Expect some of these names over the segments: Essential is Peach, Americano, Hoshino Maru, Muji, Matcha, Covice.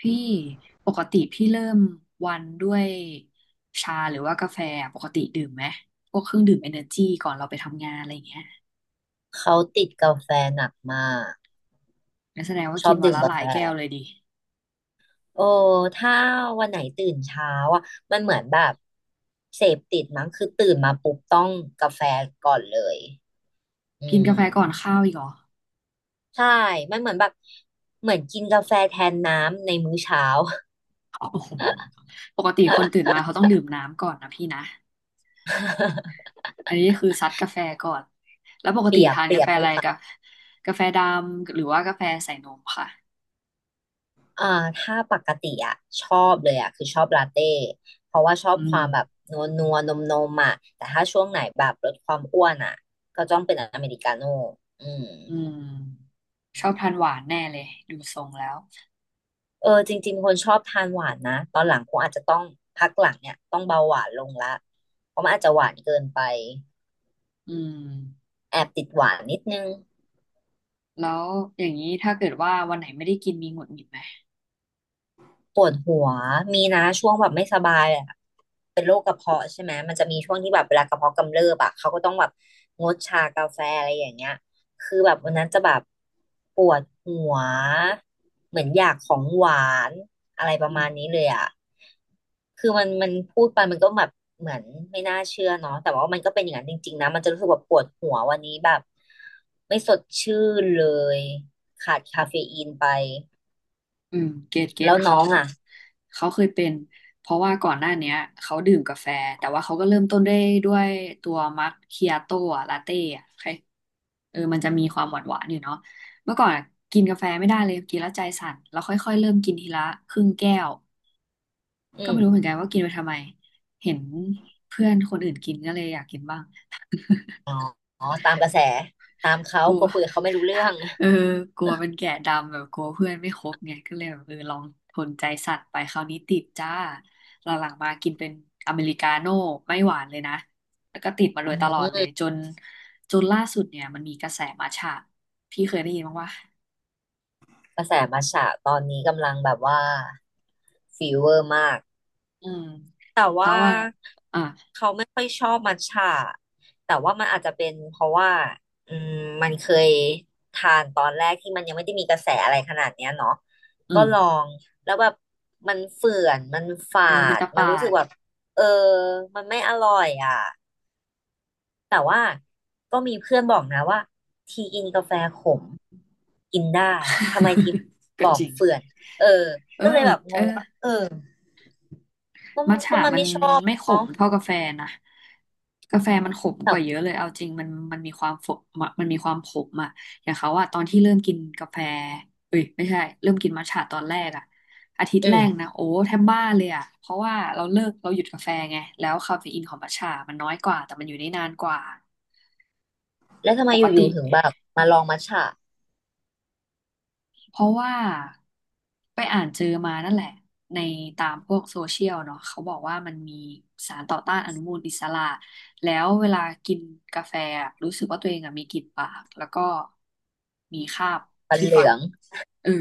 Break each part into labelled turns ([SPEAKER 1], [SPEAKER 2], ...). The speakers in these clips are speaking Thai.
[SPEAKER 1] พี่ปกติพี่เริ่มวันด้วยชาหรือว่ากาแฟอะปกติดื่มไหมพวกเครื่องดื่มเอเนอร์จีก่อนเราไปทำงานอะไรอย่างเงี้ย
[SPEAKER 2] เขาติดกาแฟหนักมาก
[SPEAKER 1] งั้นแสดงว่า
[SPEAKER 2] ชอ
[SPEAKER 1] กิน
[SPEAKER 2] บ
[SPEAKER 1] วัน
[SPEAKER 2] ดื่ม
[SPEAKER 1] ละห
[SPEAKER 2] กา
[SPEAKER 1] ลา
[SPEAKER 2] แฟ
[SPEAKER 1] ยแก้วเลยดิ
[SPEAKER 2] โอ้ถ้าวันไหนตื่นเช้าอ่ะมันเหมือนแบบเสพติดมั้งคือตื่นมาปุ๊บต้องกาแฟก่อนเลยอื
[SPEAKER 1] กินกาแฟ
[SPEAKER 2] ม
[SPEAKER 1] ก่อนข้าวอีกเหรอ
[SPEAKER 2] ใช่มันเหมือนแบบเหมือนกินกาแฟแทนน้ำในมื้อเช้า
[SPEAKER 1] โอ้โหปกติคนตื่นมาเขาต้องดื่มน้ำก่อนนะพี่นะ อันนี้คือซัดกาแฟก่อนแล้วปกติทานกาแฟอะไรกับกาแฟดำหรือว่ากาแฟใส่นมค่ะ
[SPEAKER 2] อ่าถ้าปกติอ่ะชอบเลยอ่ะคือชอบลาเต้เพราะว่าชอ
[SPEAKER 1] อื
[SPEAKER 2] บค
[SPEAKER 1] ม
[SPEAKER 2] วามแบบนัวนัวนมนมๆอ่ะแต่ถ้าช่วงไหนแบบลดความอ้วนอ่ะก็ต้องเป็นอเมริกาโน่อืม
[SPEAKER 1] อืมชอบทานหวานแน่เลยดูทรงแล้ว
[SPEAKER 2] เออจริงๆคนชอบทานหวานนะตอนหลังคงอาจจะต้องพักหลังเนี่ยต้องเบาหวานลงละเพราะมันอาจจะหวานเกินไป
[SPEAKER 1] อืม
[SPEAKER 2] แอบติดหวานนิดนึง
[SPEAKER 1] แล้วอย่างนี้ถ้าเกิดว่าวันไหนไม่ได้กินมีหงุดหงิดไหม
[SPEAKER 2] ปวดหัวมีนะช่วงแบบไม่สบายอะ เป็นโรคกระเพาะใช่ไหมมันจะมีช่วงที่แบบเวลากระเพาะกำเริบอะเขาก็ต้องแบบงดชากาแฟอะไรอย่างเงี้ยคือแบบวันนั้นจะแบบปวดหัวเหมือนอยากของหวานอะไรป
[SPEAKER 1] อื
[SPEAKER 2] ระมาณนี้
[SPEAKER 1] ม
[SPEAKER 2] เลยอะคือมันพูดไปมันก็แบบเหมือนไม่น่าเชื่อเนาะแต่ว่ามันก็เป็นอย่างนั้นจริงๆนะมันจะรู้สึกแบบปวดหัววันนี้แบบไม่สดชื่นเลยขาดคาเฟอีนไป
[SPEAKER 1] อืมเกตเกต
[SPEAKER 2] แล้วน้
[SPEAKER 1] เขา
[SPEAKER 2] องอะ
[SPEAKER 1] เขาเคยเป็นเพราะว่าก่อนหน้าเนี้ยเขาดื่มกาแฟแต่ว่าเขาก็เริ่มต้นด้วยตัวมัคคิอาโต้อะลาเต้อะใครเออมันจะมีความหวานหวานอยู่เนาะเมื่อก่อนอะกินกาแฟไม่ได้เลยกินแล้วใจสั่นแล้วค่อยๆเริ่มกินทีละครึ่งแก้วก็
[SPEAKER 2] อื
[SPEAKER 1] ไม่
[SPEAKER 2] ม
[SPEAKER 1] รู้เหมือนกันว่ากินไปทำไมเห็นเพื่อนคนอื่นกินก็เลยอยากกินบ้าง
[SPEAKER 2] อ๋อตามกระแสตามเขา
[SPEAKER 1] กลัว
[SPEAKER 2] ก็คุยกับเขาไม่รู้เรื่อง
[SPEAKER 1] เออกลัวเป็นแก่ดำแบบกลัวเพื่อนไม่ครบไงก็เลยแบบเออลองทนใจสั่นไปคราวนี้ติดจ้าหลังๆมากินเป็นอเมริกาโน่ไม่หวานเลยนะแล้วก็ติดมาโด
[SPEAKER 2] อื
[SPEAKER 1] ยตลอด
[SPEAKER 2] ม
[SPEAKER 1] เลยจนล่าสุดเนี่ยมันมีกระแสมัทฉะพี่เคยได้ยินบ้างวะ
[SPEAKER 2] กระแสมัทฉะตอนนี้กำลังแบบว่าฟีเวอร์มาก
[SPEAKER 1] อืม
[SPEAKER 2] แต่
[SPEAKER 1] เขา
[SPEAKER 2] ว่า
[SPEAKER 1] ว่าอ่ะ
[SPEAKER 2] เขาไม่ค่อยชอบมัทฉะแต่ว่ามันอาจจะเป็นเพราะว่าอืมมันเคยทานตอนแรกที่มันยังไม่ได้มีกระแสอะไรขนาดเนี้ยเนาะ
[SPEAKER 1] อื
[SPEAKER 2] ก็
[SPEAKER 1] ม
[SPEAKER 2] ลองแล้วแบบมันเฝื่อนมันฝา
[SPEAKER 1] เออมัน
[SPEAKER 2] ด
[SPEAKER 1] จะ
[SPEAKER 2] มัน
[SPEAKER 1] ปา
[SPEAKER 2] รู้สึก
[SPEAKER 1] ด
[SPEAKER 2] แบบเออมันไม่อร่อยอ่ะ แต่ว่าก็มีเพื่อนบอกนะว่าทีกินกาแฟขมกินได้ทำไมที
[SPEAKER 1] ก็
[SPEAKER 2] บอ
[SPEAKER 1] จ
[SPEAKER 2] ก
[SPEAKER 1] ริง
[SPEAKER 2] เฟื่อนเออ
[SPEAKER 1] เออ
[SPEAKER 2] ก็เลยแบบง
[SPEAKER 1] เออ
[SPEAKER 2] งว่าเออก็
[SPEAKER 1] มัทฉะ
[SPEAKER 2] ก็มัน
[SPEAKER 1] มัน
[SPEAKER 2] ไม่ชอบ
[SPEAKER 1] ไม่ขม
[SPEAKER 2] เนาะ
[SPEAKER 1] เท่ากาแฟนะกาแฟมันขมกว่าเย
[SPEAKER 2] แต่
[SPEAKER 1] อะเลยเอาจริงมันมีความฝมันมีความขมอะอย่างเขาอะตอนที่เริ่มกินกาแฟเอ้ยไม่ใช่เริ่มกินมัทฉะตอนแรกอะอาทิตย์
[SPEAKER 2] อื
[SPEAKER 1] แรกนะ
[SPEAKER 2] ม
[SPEAKER 1] โอ้แทบบ้าเลยอะเพราะว่าเราเลิกเราหยุดกาแฟไงแล้วคาเฟอีนของมัทฉะมันน้อยกว่าแต่มันอยู่ได้นานกว่า
[SPEAKER 2] แล้วทำไม
[SPEAKER 1] ป
[SPEAKER 2] อ
[SPEAKER 1] กติ
[SPEAKER 2] ยู่ๆถึงแบบมาลองมัทฉะ
[SPEAKER 1] เพราะว่าไปอ่านเจอมานั่นแหละในตามพวกโซเชียลเนาะเขาบอกว่ามันมีสารต่อต้านอนุมูลอิสระแล้วเวลากินกาแฟอะรู้สึกว่าตัวเองอะมีกลิ่นปากแล้วก็มีคราบ
[SPEAKER 2] มัน
[SPEAKER 1] ที่
[SPEAKER 2] เห
[SPEAKER 1] ฟั
[SPEAKER 2] ลือ
[SPEAKER 1] น
[SPEAKER 2] ง
[SPEAKER 1] เออ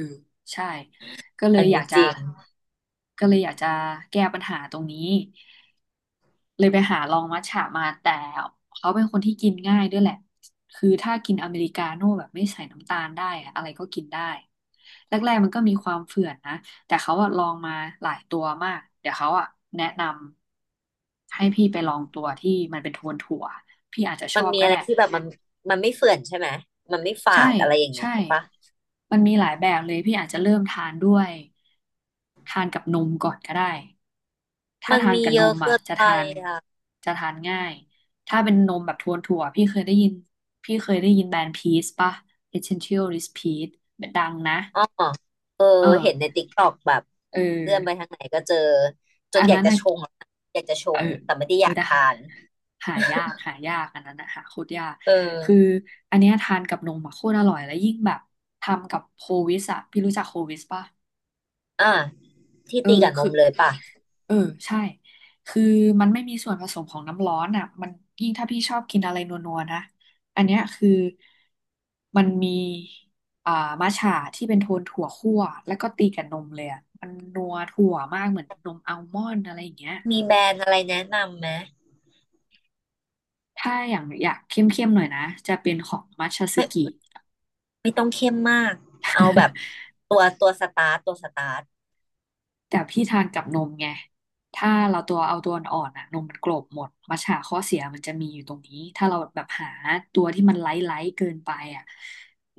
[SPEAKER 1] ใช่ก็เล
[SPEAKER 2] อั
[SPEAKER 1] ย
[SPEAKER 2] น
[SPEAKER 1] อยา
[SPEAKER 2] นี้
[SPEAKER 1] ก
[SPEAKER 2] จ
[SPEAKER 1] จะ
[SPEAKER 2] ริง
[SPEAKER 1] ก็เลยอยากจะแก้ปัญหาตรงนี้ เลยไปหาลองมัทฉะมาแต่เขาเป็นคนที่กินง่ายด้วยแหละคือถ้ากินอเมริกาโน่แบบไม่ใส่น้ำตาลได้อะอะไรก็กินได้แรกๆมันก็มีความเฝื่อนนะแต่เขาอะลองมาหลายตัวมากเดี๋ยวเขาอะแนะนำให้พี่ไปลองตัวที่มันเป็นโทนถั่วพี่อาจจะช
[SPEAKER 2] มั
[SPEAKER 1] อ
[SPEAKER 2] น
[SPEAKER 1] บ
[SPEAKER 2] มี
[SPEAKER 1] ก็
[SPEAKER 2] อะไร
[SPEAKER 1] ได้
[SPEAKER 2] ที่แบบมันมันไม่เฟื่อนใช่ไหมมันไม่ฝา
[SPEAKER 1] ใช่
[SPEAKER 2] ดอะไรอย่างนี้
[SPEAKER 1] ใช่
[SPEAKER 2] ใช่ปะ
[SPEAKER 1] มันมีหลายแบบเลยพี่อาจจะเริ่มทานด้วยทานกับนมก่อนก็ได้ ถ้า
[SPEAKER 2] มัน
[SPEAKER 1] ทาน
[SPEAKER 2] มี
[SPEAKER 1] กับ
[SPEAKER 2] เย
[SPEAKER 1] น
[SPEAKER 2] อะ
[SPEAKER 1] มอ่ะ
[SPEAKER 2] เกิน
[SPEAKER 1] จะ
[SPEAKER 2] ไป
[SPEAKER 1] ทาน
[SPEAKER 2] อ่ะ
[SPEAKER 1] จะทานง่าย ถ้าเป็นนมแบบทวนถั่วพี่เคยได้ยินแบรนด์พีซป่ะ Essential is Peach ดังนะ
[SPEAKER 2] อ๋อเออ
[SPEAKER 1] เอ
[SPEAKER 2] เห็นใน
[SPEAKER 1] อ
[SPEAKER 2] ติ๊กต็อกแบบ
[SPEAKER 1] เออ
[SPEAKER 2] เลื่อนไปทางไหนก็เจอจ
[SPEAKER 1] อั
[SPEAKER 2] น
[SPEAKER 1] น
[SPEAKER 2] อยาก
[SPEAKER 1] นั้น
[SPEAKER 2] จะ
[SPEAKER 1] อ่ะ
[SPEAKER 2] ชงอะอยากจะช
[SPEAKER 1] เออ
[SPEAKER 2] งแต่ไม่ได้
[SPEAKER 1] เอ
[SPEAKER 2] อ
[SPEAKER 1] อ
[SPEAKER 2] ยาก
[SPEAKER 1] แต่หา
[SPEAKER 2] ทาน
[SPEAKER 1] หายากอันนั้นนะหาโคตรยาก
[SPEAKER 2] เอ
[SPEAKER 1] คือ
[SPEAKER 2] อ
[SPEAKER 1] อันเนี้ยทานกับนมอะโคตรอร่อยแล้วยิ่งแบบทำกับโควิสอะพี่รู้จักโควิสป่ะ
[SPEAKER 2] อ่ะที่
[SPEAKER 1] เออ
[SPEAKER 2] ตีกับน
[SPEAKER 1] คือ
[SPEAKER 2] มเลยป่ะ
[SPEAKER 1] เออใช่คือมันไม่มีส่วนผสมของน้ำร้อนอ่ะมันยิ่งถ้าพี่ชอบกินอะไรนัวๆนะอันเนี้ยคือมันมีอ่ามัทฉะที่เป็นโทนถั่วคั่วแล้วก็ตีกับนมเลยอ่ะมันนัวถั่วมากเหมือนนมอัลมอนด์อะไรอย่างเงี้ย
[SPEAKER 2] มีแบรนด์อะไรแนะนำไหม
[SPEAKER 1] ถ้าอย่างอยากเข้มๆหน่อยนะจะเป็นของมัทฉะซึกิ
[SPEAKER 2] ไม่ต้องเข้มมากเอาแบบตัวสตาร์ตตัวสตาร์ต
[SPEAKER 1] แต่พี่ทานกับนมไง ถ้าเราตัวเอาตัวอ่อนๆอ่ะนมมันกลบหมดมัทฉะข้อเสียมันจะมีอยู่ตรงนี้ ถ้าเราแบบหาตัวที่มันไลท์ไลท์เกินไปอ่ะ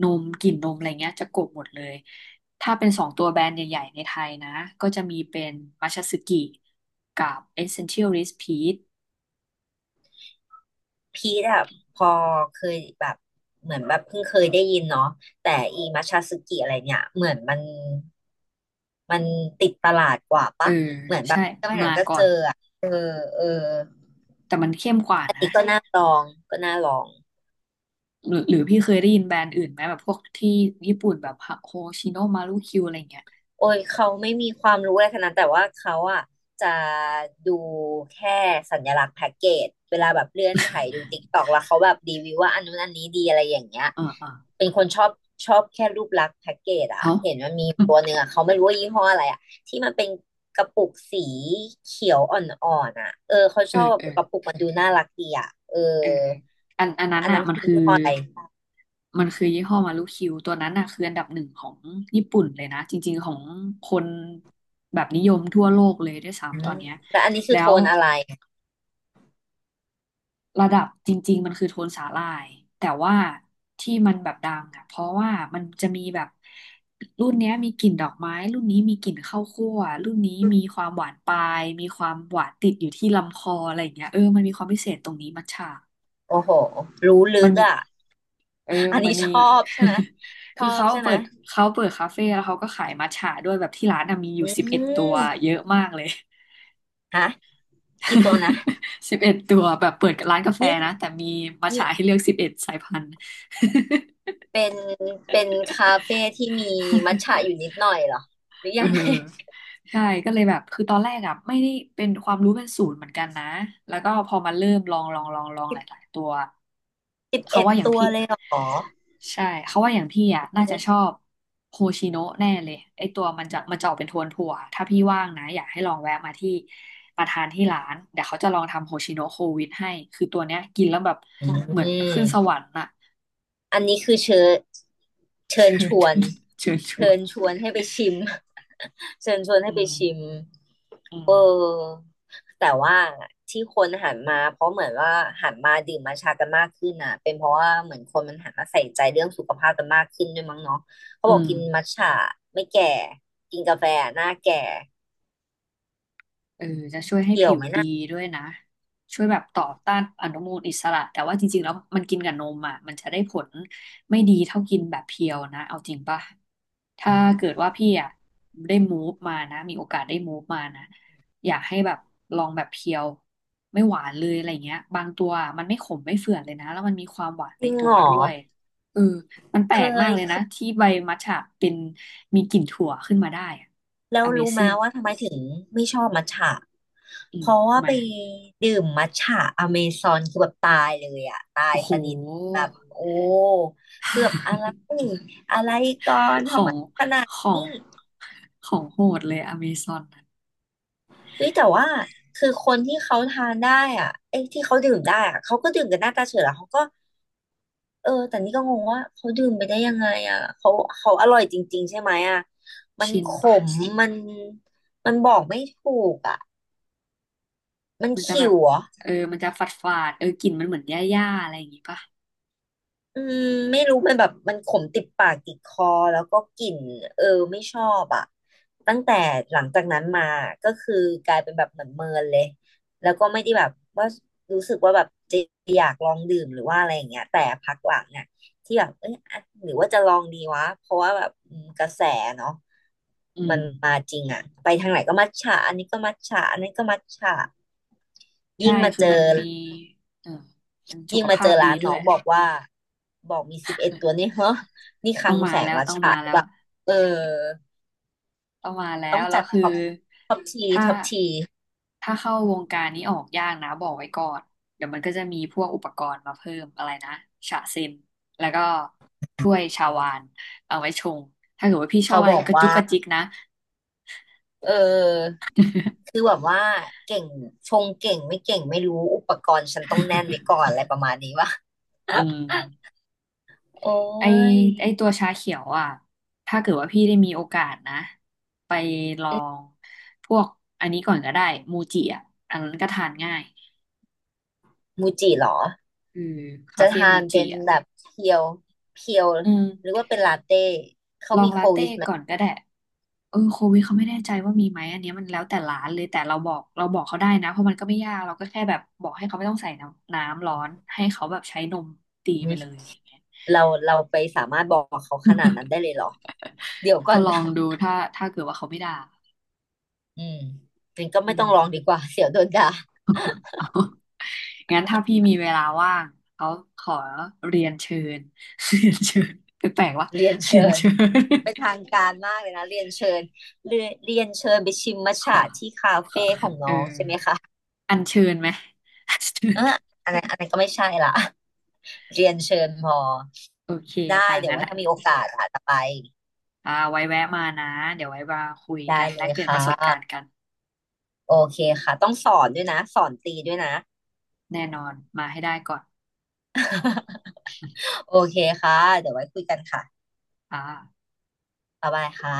[SPEAKER 1] นมกลิ่นนมอะไรเงี้ยจะกลบหมดเลย ถ้าเป็นสองตัวแบรนด์ใหญ่ๆในไทยนะ ก็จะมีเป็นมัชสึกิกับ Essential Rice Peach
[SPEAKER 2] พีทอะพอเคยแบบเหมือนแบบเพิ่งเคยได้ยินเนาะแต่อีมัชชาสึกิอะไรเนี่ยเหมือนมันติดตลาดกว่า
[SPEAKER 1] เออ
[SPEAKER 2] ปะ
[SPEAKER 1] ใช่มาก่อน
[SPEAKER 2] เออเออ
[SPEAKER 1] แต่มันเข้มกว่า
[SPEAKER 2] อัน
[SPEAKER 1] นะ
[SPEAKER 2] นี้ก็น่าลองก็น่าลอง
[SPEAKER 1] หรือพี่เคยได้ยินแบรนด์อื่นไหมแบบพวกที่ญี่ปุ่นแบบโฮชิโนมารุคิวอะไรเงี้ย
[SPEAKER 2] โอ้ยเขาไม่มีความรู้อะไรขนาดนั้นแต่ว่าเขาอ่ะจะดูแค่สัญลักษณ์แพ็กเกจเวลาแบบเลื่อนถ่ายดู ติ๊กตอกแล้วเขาแบบรีวิวว่าอันนู้นอันนี้ดีอะไรอย่างเงี้ย
[SPEAKER 1] อ่าอ่า
[SPEAKER 2] เป็นคนชอบชอบแค่รูปลักษณ์แพ็กเกจอ่ะ
[SPEAKER 1] เอา
[SPEAKER 2] เห็นมันมีตัวหนึ่งอ่ะเขาไม่รู้ว่ายี่ห้ออะไรอ่ะที่มันเป็นกระปุกสีเขียวอ่อนๆอ่ะเออเขาช
[SPEAKER 1] เออ
[SPEAKER 2] อบ
[SPEAKER 1] เอ
[SPEAKER 2] แบ
[SPEAKER 1] อ
[SPEAKER 2] บกระปุกมันดูน่ารักดีอ่ะเออ
[SPEAKER 1] เอออันนั้น
[SPEAKER 2] อัน
[SPEAKER 1] อ่ะ
[SPEAKER 2] นั้น
[SPEAKER 1] มัน
[SPEAKER 2] คือ
[SPEAKER 1] คือ
[SPEAKER 2] ยี่ห้ออะไร
[SPEAKER 1] มันคือยี่ห้อมารุคิวตัวนั้นอ่ะคืออันดับหนึ่งของญี่ปุ่นเลยนะจริงๆของคนแบบนิยมทั่วโลกเลยด้วย
[SPEAKER 2] อื
[SPEAKER 1] ซ้ำตอน
[SPEAKER 2] ม
[SPEAKER 1] เนี้ย
[SPEAKER 2] แต่อันนี้คือ
[SPEAKER 1] แล้
[SPEAKER 2] โท
[SPEAKER 1] ว
[SPEAKER 2] นอะไร
[SPEAKER 1] ระดับจริงๆมันคือโทนสาหร่ายแต่ว่าที่มันแบบดังอ่ะเพราะว่ามันจะมีแบบรุ่นเนี้ยมีกลิ่นดอกไม้รุ่นนี้มีกลิ่นข้าวคั่วรุ่นนี้มีความหวานปลายมีความหวานติดอยู่ที่ลำคออะไรอย่างเงี้ยเออมันมีความพิเศษตรงนี้มัทฉะ
[SPEAKER 2] โอ้โห รู้ลึ
[SPEAKER 1] มัน
[SPEAKER 2] ก
[SPEAKER 1] มี
[SPEAKER 2] อ่ะ
[SPEAKER 1] เออ
[SPEAKER 2] อัน
[SPEAKER 1] มั
[SPEAKER 2] นี้
[SPEAKER 1] นมี
[SPEAKER 2] ชอบใช่ไหม ช
[SPEAKER 1] คื
[SPEAKER 2] อ
[SPEAKER 1] อ
[SPEAKER 2] บ
[SPEAKER 1] เขา
[SPEAKER 2] ใช่ไห
[SPEAKER 1] เปิ
[SPEAKER 2] ม
[SPEAKER 1] ด เขาเปิดคาเฟ่แล้วเขาก็ขายมัทฉะด้วยแบบที่ร้านอะมีอยู่
[SPEAKER 2] อื
[SPEAKER 1] สิบเอ็ดตัว
[SPEAKER 2] ม
[SPEAKER 1] เยอะมากเลย
[SPEAKER 2] ฮะกี่ตัวนะ
[SPEAKER 1] 11ตัวแบบเปิดร้านกาแฟ
[SPEAKER 2] นี่
[SPEAKER 1] นะแต่มีมัทฉะ
[SPEAKER 2] นี่
[SPEAKER 1] ให้เลือกสิบเอ็ดสายพันธุ์
[SPEAKER 2] เป็นเป็นคาเฟ่ที่มีมัทฉะอยู่นิดหน่อยเหรอ หรือ
[SPEAKER 1] เอ
[SPEAKER 2] ยังไง
[SPEAKER 1] อใช่ก็เลยแบบคือตอนแรกอ่ะไม่ได้เป็นความรู้เป็นศูนย์เหมือนกันนะแล้วก็พอมาเริ่มลองหลา ยๆตัว
[SPEAKER 2] สิบ
[SPEAKER 1] เขา
[SPEAKER 2] เอ็ด
[SPEAKER 1] ว่าอย่าง
[SPEAKER 2] ตัว
[SPEAKER 1] พี่
[SPEAKER 2] เลยเหรอ
[SPEAKER 1] ใช่เขาว่าอย่างพี่อ่ะน่า
[SPEAKER 2] อื
[SPEAKER 1] จะชอ
[SPEAKER 2] ม
[SPEAKER 1] บโฮชิโนะแน่เลยไอตัวมันจะออกเป็นโทนถั่วถ้าพี่ว่างนะอยากให้ลองแวะมาที่มาทานที่ร้านเดี๋ยวเขาจะลองทำโฮชิโนะโควิดให้คือตัวเนี้ยกินแล้วแบบเหมือนขึ้นสวรรค์น่ะ
[SPEAKER 2] อันนี้คือเชิญเชิญ
[SPEAKER 1] เชิ
[SPEAKER 2] ช
[SPEAKER 1] ญ
[SPEAKER 2] วน
[SPEAKER 1] เชิญชว
[SPEAKER 2] เชิ
[SPEAKER 1] น
[SPEAKER 2] ญชวนให้ไปชิม เชิญชวนให้
[SPEAKER 1] อื
[SPEAKER 2] ไป
[SPEAKER 1] ม
[SPEAKER 2] ชิม
[SPEAKER 1] อื
[SPEAKER 2] เ
[SPEAKER 1] ม
[SPEAKER 2] ออแต่ว่าที่คนหันมาเพราะเหมือนว่าหันมาดื่มมาชากันมากขึ้นอ่ะเป็นเพราะว่าเหมือนคนมันหันมาใส่ใจเรื่องสุขภาพกันมากขึ้นด้วยมั้งเนาะเขา
[SPEAKER 1] อื
[SPEAKER 2] บอก
[SPEAKER 1] ม
[SPEAKER 2] กินมัทฉะไม่แก่ กินกาแฟหน้าแก่
[SPEAKER 1] เออจะช่วยให้
[SPEAKER 2] เกี่ย
[SPEAKER 1] ผิ
[SPEAKER 2] ว
[SPEAKER 1] ว
[SPEAKER 2] ไหม
[SPEAKER 1] ดี
[SPEAKER 2] นะ
[SPEAKER 1] ด้วยนะช่วยแบบต่อต้านอนุมูลอิสระแต่ว่าจริงๆแล้วมันกินกับนมอ่ะมันจะได้ผลไม่ดีเท่ากินแบบเพียวนะเอาจริงป่ะถ้าเกิดว่าพี่อ่ะได้มูฟมานะมีโอกาสได้มูฟมานะอยากให้แบบลองแบบเพียวไม่หวานเลยอะไรเงี้ยบางตัวอะมันไม่ขมไม่เฝื่อนเลยนะแล้วมันมีความหวาน
[SPEAKER 2] จ
[SPEAKER 1] ใน
[SPEAKER 2] ริง
[SPEAKER 1] ตั
[SPEAKER 2] เหร
[SPEAKER 1] ว
[SPEAKER 2] อ
[SPEAKER 1] ด้วยเออมันแป
[SPEAKER 2] เค
[SPEAKER 1] ลกมาก
[SPEAKER 2] ย
[SPEAKER 1] เลย
[SPEAKER 2] เค
[SPEAKER 1] นะ
[SPEAKER 2] ย
[SPEAKER 1] ที่ใบมัทฉะเป็นมีกลิ่นถั่วขึ้นมาได้อะ
[SPEAKER 2] แล้วรู้ไหม
[SPEAKER 1] Amazing
[SPEAKER 2] ว่าทำไมถึงไม่ชอบมัทฉะ
[SPEAKER 1] อื
[SPEAKER 2] เพ
[SPEAKER 1] ม
[SPEAKER 2] ราะว่า
[SPEAKER 1] ทำไม
[SPEAKER 2] ไปดื่มมัทฉะอเมซอนคือแบบตายเลยอะตาย
[SPEAKER 1] โอ้โห
[SPEAKER 2] สนิทแบบโอ้คือแบบอะไรอะไรก่อน
[SPEAKER 1] ขอ
[SPEAKER 2] ทำไม
[SPEAKER 1] ง
[SPEAKER 2] ขนาด
[SPEAKER 1] ของของโหดเลยอเมซอนน่ะ
[SPEAKER 2] เฮ้ยแต่ว่าคือคนที่เขาทานได้อ่ะไอ้ยที่เขาดื่มได้อะเขาก็ดื่มกันหน้าตาเฉยแล้วเขาก็เออแต่นี่ก็งงว่าเขาดื่มไปได้ยังไงอ่ะเขาอร่อยจริงๆใช่ไหมอ่ะมัน
[SPEAKER 1] ชิน
[SPEAKER 2] ข
[SPEAKER 1] ปะ
[SPEAKER 2] มมันมันบอกไม่ถูกอ่ะมัน
[SPEAKER 1] มันจะแบ
[SPEAKER 2] ขิ
[SPEAKER 1] บ
[SPEAKER 2] วเหรอ
[SPEAKER 1] เออมันจะฝาดเออกลิ่นมันเหมือนหญ้าๆอะไรอย่างงี้ปะ
[SPEAKER 2] อืมไม่รู้มันแบบมันขมติดปากติดคอแล้วก็กลิ่นเออไม่ชอบอ่ะตั้งแต่หลังจากนั้นมาก็คือกลายเป็นแบบเหมือนเมินเลยแล้วก็ไม่ได้แบบว่ารู้สึกว่าแบบจะอยากลองดื่มหรือว่าอะไรอย่างเงี้ยแต่พักหลังเนี่ยที่แบบเอ้ยอ่ะหรือว่าจะลองดีวะเพราะว่าแบบอืมกระแสเนาะ
[SPEAKER 1] อื
[SPEAKER 2] มั
[SPEAKER 1] ม
[SPEAKER 2] นมาจริงอ่ะไปทางไหนก็มัทฉะอันนี้ก็มัทฉะอันนี้นก็มัทฉะ
[SPEAKER 1] ใช่
[SPEAKER 2] ยิ่งมา
[SPEAKER 1] คือ
[SPEAKER 2] เจ
[SPEAKER 1] มัน
[SPEAKER 2] อ
[SPEAKER 1] มีเออมันสุ
[SPEAKER 2] ยิ่
[SPEAKER 1] ข
[SPEAKER 2] งมา
[SPEAKER 1] ภา
[SPEAKER 2] เจอ
[SPEAKER 1] พดี
[SPEAKER 2] ร้าน
[SPEAKER 1] ด้
[SPEAKER 2] น้
[SPEAKER 1] ว
[SPEAKER 2] อ
[SPEAKER 1] ย
[SPEAKER 2] งบอกว่าบอกมีสิบเอ็ดตัวนี่เฮ้อนี่ค
[SPEAKER 1] ต้
[SPEAKER 2] ลั
[SPEAKER 1] อง
[SPEAKER 2] ง
[SPEAKER 1] มา
[SPEAKER 2] แสง
[SPEAKER 1] แล้ว
[SPEAKER 2] วัช
[SPEAKER 1] ต้อง
[SPEAKER 2] ฉะ
[SPEAKER 1] มา
[SPEAKER 2] หรื
[SPEAKER 1] แล้
[SPEAKER 2] อเป
[SPEAKER 1] ว
[SPEAKER 2] ล่าเออ
[SPEAKER 1] ประมาณแล้
[SPEAKER 2] ต้อ
[SPEAKER 1] ว
[SPEAKER 2] ง
[SPEAKER 1] แล้
[SPEAKER 2] จั
[SPEAKER 1] ว
[SPEAKER 2] ด
[SPEAKER 1] คือ
[SPEAKER 2] ท็อปท็อปที
[SPEAKER 1] ถ้า
[SPEAKER 2] ท็อปที
[SPEAKER 1] ถ้าเข้าวงการนี้ออกยากนะบอกไว้ก่อนเดี๋ยวมันก็จะมีพวกอุปกรณ์มาเพิ่มอะไรนะฉะเซมแล้วก็ถ้วยชาวานเอาไว้ชงถ้าเกิดว่าพี่ชอ
[SPEAKER 2] เขา
[SPEAKER 1] บอะไร
[SPEAKER 2] บอก
[SPEAKER 1] กระจุ
[SPEAKER 2] ว่า
[SPEAKER 1] กกระจิกนะ
[SPEAKER 2] เออคือแบบว่าเก่งชงเก่งไม่เก่งไม่รู้อุปกรณ์ฉันต้องแน่นไว้ก่อนอะไรประมาณนี้วะ
[SPEAKER 1] อืม
[SPEAKER 2] โอ้
[SPEAKER 1] ไอ
[SPEAKER 2] ย
[SPEAKER 1] ไอตัวชาเขียวอ่ะถ้าเกิดว่าพี่ได้มีโอกาสนะไปลองพวกอันนี้ก่อนก็ได้มูจิอ่ะอันนั้นก็ทานง่าย
[SPEAKER 2] มูจิเหรอ
[SPEAKER 1] อือคา
[SPEAKER 2] จะ
[SPEAKER 1] เฟ่
[SPEAKER 2] ทา
[SPEAKER 1] มู
[SPEAKER 2] น
[SPEAKER 1] จิ
[SPEAKER 2] เป็น
[SPEAKER 1] อ่ะ
[SPEAKER 2] แบบเพียวเพียว
[SPEAKER 1] อืม
[SPEAKER 2] หรือว่าเป็นลาเต้
[SPEAKER 1] ลองลาเต้ก่อนก็ได้เออโควิดเขาไม่แน่ใจว่ามีไหมอันเนี้ยมันแล้วแต่ร้านเลยแต่เราบอกเราบอกเขาได้นะเพราะมันก็ไม่ยากเราก็แค่แบบบอกให้เขาไม่ต้องใส่น้ำร้อนให้เขาแบบใช้นมตีไปเลย
[SPEAKER 2] หึ
[SPEAKER 1] อะไรเงี้ย
[SPEAKER 2] เราไปสามารถบอกเขาขนาดนั้นได้เลยเหรอเดี๋ยวก่อ
[SPEAKER 1] ก็
[SPEAKER 2] น
[SPEAKER 1] ลอ
[SPEAKER 2] นะ
[SPEAKER 1] งดูถ้าเกิดว่าเขาไม่ด่า
[SPEAKER 2] อืมจริงันก็
[SPEAKER 1] อื
[SPEAKER 2] ไม่ต้
[SPEAKER 1] ม
[SPEAKER 2] องลองดีกว่า เสียวโดนด่า
[SPEAKER 1] เอา งั้นถ้าพี่มีเวลาว่างเขาขอเรียนเชิญ เรียนเชิญแปลกๆว่า
[SPEAKER 2] เรียน
[SPEAKER 1] เรีย
[SPEAKER 2] เชิ
[SPEAKER 1] น
[SPEAKER 2] ญ
[SPEAKER 1] เชิญ
[SPEAKER 2] เป็นทางการมากเลยนะเรียนเชิญเรียนเชิญไปชิมมัท
[SPEAKER 1] ขอ
[SPEAKER 2] ฉะที่คา
[SPEAKER 1] ขอ
[SPEAKER 2] เฟ่ของ
[SPEAKER 1] เออ
[SPEAKER 2] น้องใช่ไหมคะ
[SPEAKER 1] อัญเชิญไหมอัญเชิ
[SPEAKER 2] อ่ะ
[SPEAKER 1] ญ
[SPEAKER 2] อันนั้นอันนั้นก็ไม่ใช่ละ เรียนเชิญพอ
[SPEAKER 1] โอเค
[SPEAKER 2] ได้
[SPEAKER 1] ค่ะ
[SPEAKER 2] เดี๋ยว
[SPEAKER 1] งั้น
[SPEAKER 2] ไว่าถ้ามีโอกาสอาจจะไป
[SPEAKER 1] อ่าไว้แวะมานะเดี๋ยวไว้มาคุย
[SPEAKER 2] ได้
[SPEAKER 1] กัน
[SPEAKER 2] เล
[SPEAKER 1] แลก
[SPEAKER 2] ย
[SPEAKER 1] เปลี่ยน
[SPEAKER 2] ค่
[SPEAKER 1] ประสบการณ์
[SPEAKER 2] ะ
[SPEAKER 1] กัน
[SPEAKER 2] โอเคค่ะต้องสอนด้วยนะสอนตีด้วยนะ
[SPEAKER 1] แน่นอนมาให้ได้ก่อน
[SPEAKER 2] โอเคค่ะเดี๋ยวไว้คุยกันค่ะ
[SPEAKER 1] อ่า
[SPEAKER 2] บ๊ายบายค่ะ